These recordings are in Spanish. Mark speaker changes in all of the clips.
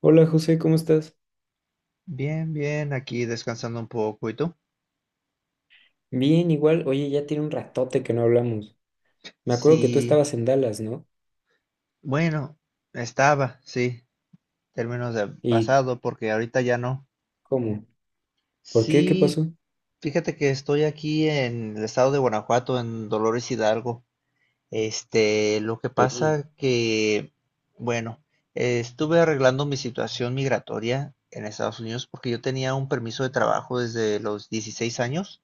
Speaker 1: Hola José, ¿cómo estás?
Speaker 2: Bien, bien, aquí descansando un poco. ¿Y tú?
Speaker 1: Bien, igual. Oye, ya tiene un ratote que no hablamos. Me acuerdo que tú
Speaker 2: Sí,
Speaker 1: estabas en Dallas, ¿no?
Speaker 2: bueno, estaba, sí, términos de
Speaker 1: ¿Y
Speaker 2: pasado, porque ahorita ya no.
Speaker 1: cómo? ¿Por qué? ¿Qué
Speaker 2: Sí,
Speaker 1: pasó?
Speaker 2: fíjate que estoy aquí en el estado de Guanajuato, en Dolores Hidalgo. Este, lo que
Speaker 1: Ey,
Speaker 2: pasa que, bueno, estuve arreglando mi situación migratoria en Estados Unidos porque yo tenía un permiso de trabajo desde los 16 años.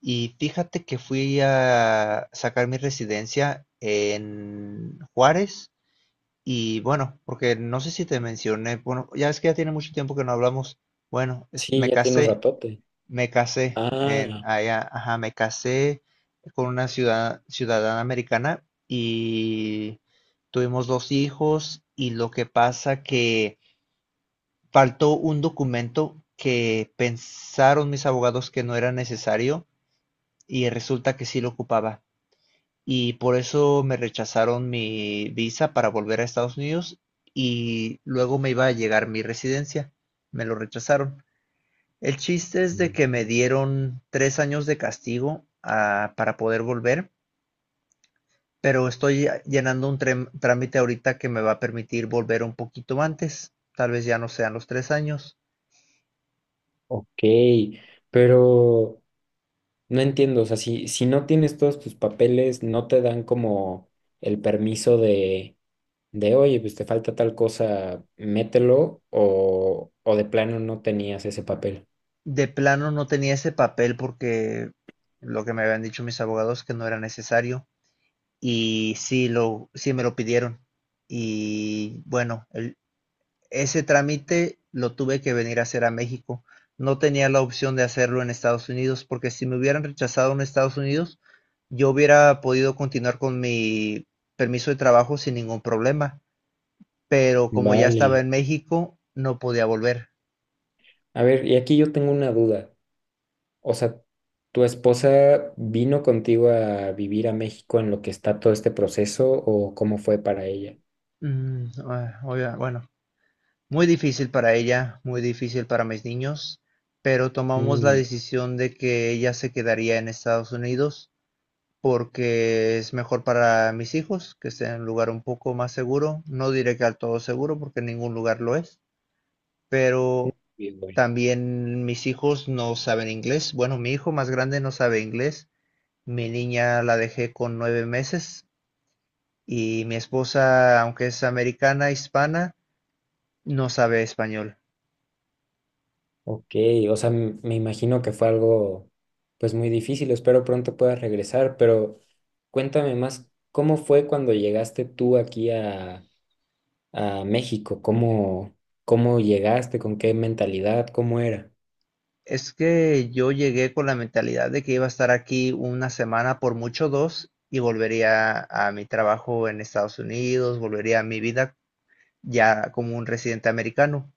Speaker 2: Y fíjate que fui a sacar mi residencia en Juárez y bueno, porque no sé si te mencioné, bueno, ya es que ya tiene mucho tiempo que no hablamos. Bueno,
Speaker 1: sí, ya tiene un ratote.
Speaker 2: me casé en
Speaker 1: Ah,
Speaker 2: allá, ajá, me casé con una ciudadana americana y tuvimos dos hijos y lo que pasa que faltó un documento que pensaron mis abogados que no era necesario y resulta que sí lo ocupaba y por eso me rechazaron mi visa para volver a Estados Unidos y luego me iba a llegar mi residencia. Me lo rechazaron. El chiste es de
Speaker 1: ujú,
Speaker 2: que me dieron tres años de castigo para poder volver, pero estoy llenando un trámite ahorita que me va a permitir volver un poquito antes. Tal vez ya no sean los tres años.
Speaker 1: ok. Pero no entiendo, o sea, si no tienes todos tus papeles, no te dan como el permiso oye, pues te falta tal cosa, mételo, o de plano no tenías ese papel.
Speaker 2: De plano no tenía ese papel porque lo que me habían dicho mis abogados que no era necesario. Y sí, sí me lo pidieron. Y bueno, ese trámite lo tuve que venir a hacer a México. No tenía la opción de hacerlo en Estados Unidos porque si me hubieran rechazado en Estados Unidos, yo hubiera podido continuar con mi permiso de trabajo sin ningún problema. Pero como ya estaba
Speaker 1: Vale.
Speaker 2: en México, no podía volver.
Speaker 1: A ver, y aquí yo tengo una duda. O sea, ¿tu esposa vino contigo a vivir a México en lo que está todo este proceso o cómo fue para ella?
Speaker 2: Oiga, bueno. Muy difícil para ella, muy difícil para mis niños, pero tomamos la
Speaker 1: Mm,
Speaker 2: decisión de que ella se quedaría en Estados Unidos porque es mejor para mis hijos que esté en un lugar un poco más seguro. No diré que al todo seguro porque ningún lugar lo es,
Speaker 1: no,
Speaker 2: pero
Speaker 1: bien, bueno.
Speaker 2: también mis hijos no saben inglés. Bueno, mi hijo más grande no sabe inglés. Mi niña la dejé con nueve meses y mi esposa, aunque es americana, hispana, no sabe español.
Speaker 1: Ok, o sea, me imagino que fue algo pues muy difícil. Espero pronto puedas regresar, pero cuéntame más, ¿cómo fue cuando llegaste tú aquí a México? ¿Cómo, cómo llegaste? ¿Con qué mentalidad? ¿Cómo era?
Speaker 2: Es que yo llegué con la mentalidad de que iba a estar aquí una semana, por mucho dos, y volvería a mi trabajo en Estados Unidos, volvería a mi vida ya como un residente americano.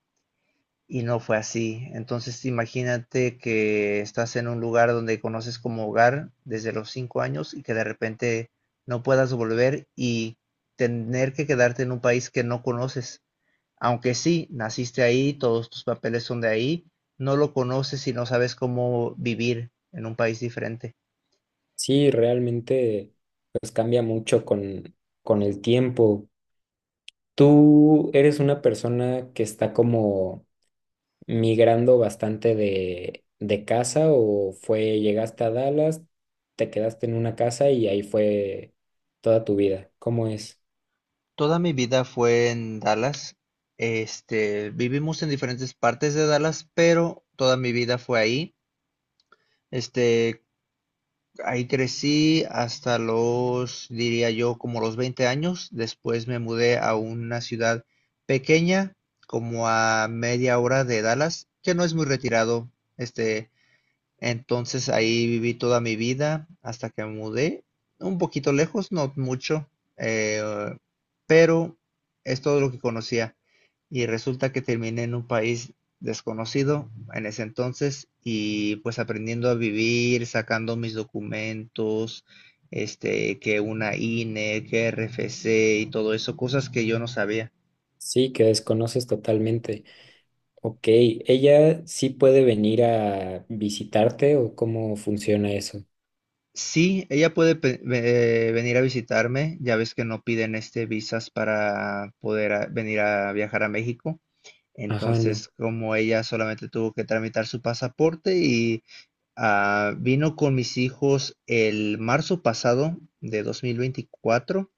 Speaker 2: Y no fue así. Entonces imagínate que estás en un lugar donde conoces como hogar desde los cinco años y que de repente no puedas volver y tener que quedarte en un país que no conoces. Aunque sí, naciste ahí, todos tus papeles son de ahí, no lo conoces y no sabes cómo vivir en un país diferente.
Speaker 1: Sí, realmente pues cambia mucho con el tiempo. Tú eres una persona que está como migrando bastante de casa o fue, llegaste a Dallas, te quedaste en una casa y ahí fue toda tu vida. ¿Cómo es?
Speaker 2: Toda mi vida fue en Dallas. Este, vivimos en diferentes partes de Dallas, pero toda mi vida fue ahí. Este, ahí crecí hasta los, diría yo, como los 20 años. Después me mudé a una ciudad pequeña, como a media hora de Dallas, que no es muy retirado. Este, Entonces ahí viví toda mi vida hasta que me mudé, un poquito lejos, no mucho, eh, pero es todo lo que conocía. Y resulta que terminé en un país desconocido en ese entonces y pues aprendiendo a vivir, sacando mis documentos, este, que una INE, que RFC y todo eso, cosas que yo no sabía.
Speaker 1: Sí, que desconoces totalmente. Ok, ¿ella sí puede venir a visitarte o cómo funciona eso?
Speaker 2: Sí, ella puede venir a visitarme. Ya ves que no piden este visas para poder venir a viajar a México.
Speaker 1: Ajá, no.
Speaker 2: Entonces, como ella solamente tuvo que tramitar su pasaporte y vino con mis hijos el marzo pasado de 2024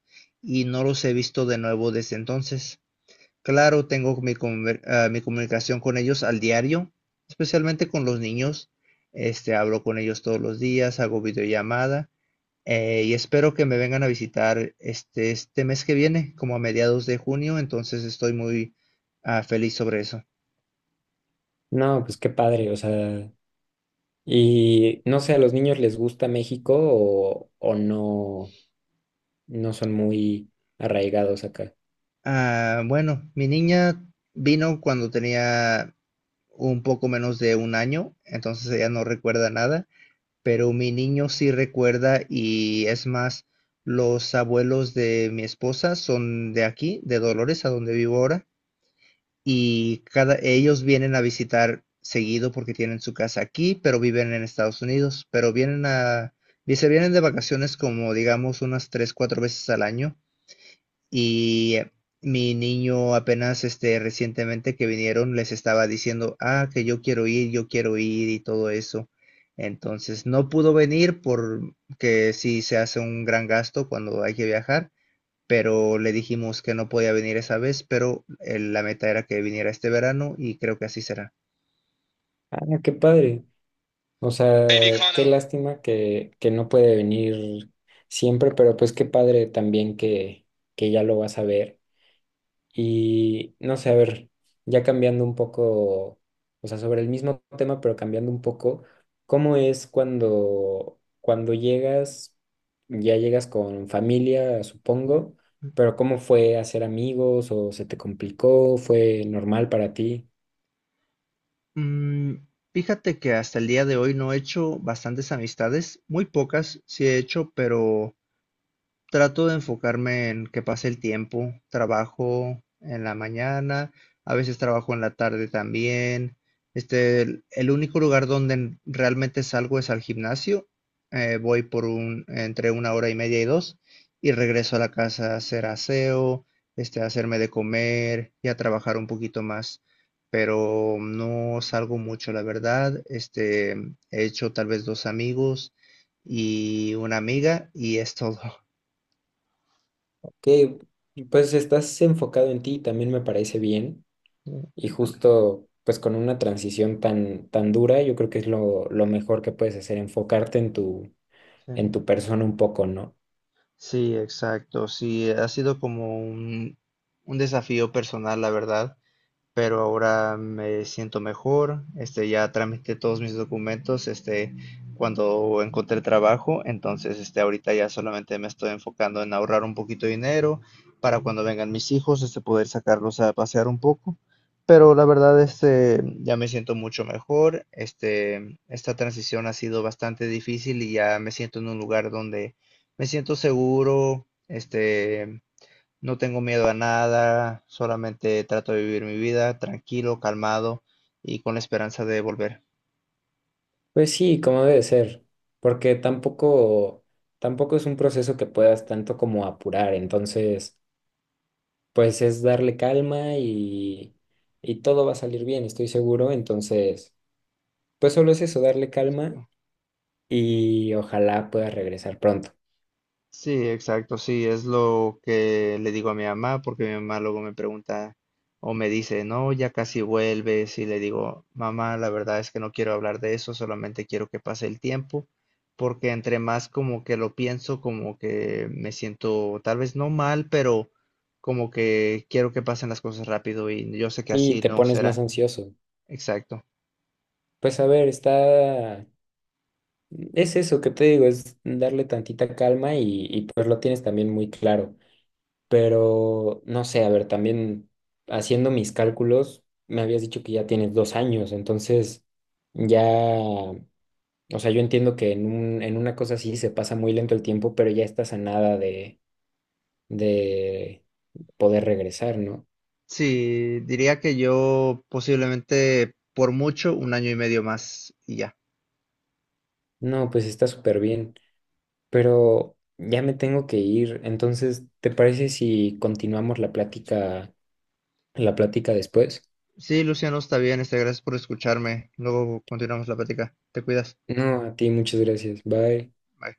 Speaker 2: y no los he visto de nuevo desde entonces. Claro, tengo mi comunicación con ellos al diario, especialmente con los niños. Este, hablo con ellos todos los días, hago videollamada y espero que me vengan a visitar este, este mes que viene, como a mediados de junio, entonces estoy muy feliz sobre eso.
Speaker 1: No, pues qué padre, o sea, y no sé, ¿a los niños les gusta México o no? No son muy arraigados acá.
Speaker 2: Ah, bueno, mi niña vino cuando tenía un poco menos de un año, entonces ella no recuerda nada, pero mi niño sí recuerda y es más, los abuelos de mi esposa son de aquí, de Dolores, a donde vivo ahora, y cada, ellos vienen a visitar seguido porque tienen su casa aquí, pero viven en Estados Unidos, pero vienen a, y se vienen de vacaciones como digamos unas tres, cuatro veces al año y mi niño apenas este recientemente que vinieron les estaba diciendo, ah, que yo quiero ir y todo eso. Entonces no pudo venir porque sí se hace un gran gasto cuando hay que viajar, pero le dijimos que no podía venir esa vez, pero la meta era que viniera este verano y creo que así será.
Speaker 1: Ah, qué padre. O sea, qué lástima que no puede venir siempre, pero pues qué padre también que ya lo vas a ver. Y no sé, a ver, ya cambiando un poco, o sea, sobre el mismo tema, pero cambiando un poco, ¿cómo es cuando, cuando llegas, ya llegas con familia, supongo, pero cómo fue hacer amigos o se te complicó, fue normal para ti?
Speaker 2: Mm, fíjate que hasta el día de hoy no he hecho bastantes amistades, muy pocas sí he hecho, pero trato de enfocarme en que pase el tiempo. Trabajo en la mañana, a veces trabajo en la tarde también. Este, el único lugar donde realmente salgo es al gimnasio. Voy por un, entre una hora y media y dos, y regreso a la casa a hacer aseo, este, a hacerme de comer y a trabajar un poquito más. Pero no salgo mucho, la verdad. Este, he hecho tal vez dos amigos y una amiga, y es todo.
Speaker 1: Que pues estás enfocado en ti, también me parece bien.
Speaker 2: Sí,
Speaker 1: Y
Speaker 2: exactamente.
Speaker 1: justo pues con una transición tan, tan dura, yo creo que es lo mejor que puedes hacer, enfocarte
Speaker 2: Sí.
Speaker 1: en tu persona un poco, ¿no?
Speaker 2: Sí, exacto. Sí, ha sido como un desafío personal, la verdad. Pero ahora me siento mejor, este, ya tramité todos mis documentos, este, cuando encontré trabajo, entonces, este, ahorita ya solamente me estoy enfocando en ahorrar un poquito de dinero para cuando vengan mis hijos, este, poder sacarlos a pasear un poco, pero la verdad, este, ya me siento mucho mejor, este, esta transición ha sido bastante difícil y ya me siento en un lugar donde me siento seguro, este, no tengo miedo a nada, solamente trato de vivir mi vida tranquilo, calmado y con la esperanza de volver.
Speaker 1: Pues sí, como debe ser, porque tampoco, tampoco es un proceso que puedas tanto como apurar. Entonces, pues es darle calma y todo va a salir bien, estoy seguro. Entonces, pues solo es eso, darle calma y ojalá puedas regresar pronto.
Speaker 2: Sí, exacto, sí, es lo que le digo a mi mamá, porque mi mamá luego me pregunta o me dice, no, ya casi vuelves, y le digo, mamá, la verdad es que no quiero hablar de eso, solamente quiero que pase el tiempo, porque entre más como que lo pienso, como que me siento tal vez no mal, pero como que quiero que pasen las cosas rápido y yo sé que
Speaker 1: Y
Speaker 2: así
Speaker 1: te
Speaker 2: no
Speaker 1: pones más
Speaker 2: será.
Speaker 1: ansioso.
Speaker 2: Exacto.
Speaker 1: Pues a ver, está... Es eso que te digo, es darle tantita calma y pues lo tienes también muy claro. Pero no sé, a ver, también haciendo mis cálculos, me habías dicho que ya tienes 2 años, entonces ya, o sea, yo entiendo que en un, en una cosa así se pasa muy lento el tiempo, pero ya estás a nada de, de poder regresar, ¿no?
Speaker 2: Sí, diría que yo posiblemente por mucho un año y medio más y ya.
Speaker 1: No, pues está súper bien. Pero ya me tengo que ir. Entonces, ¿te parece si continuamos la plática después?
Speaker 2: Sí, Luciano, está bien, este, gracias por escucharme. Luego continuamos la plática. Te cuidas.
Speaker 1: No, a ti muchas gracias. Bye.
Speaker 2: Bye.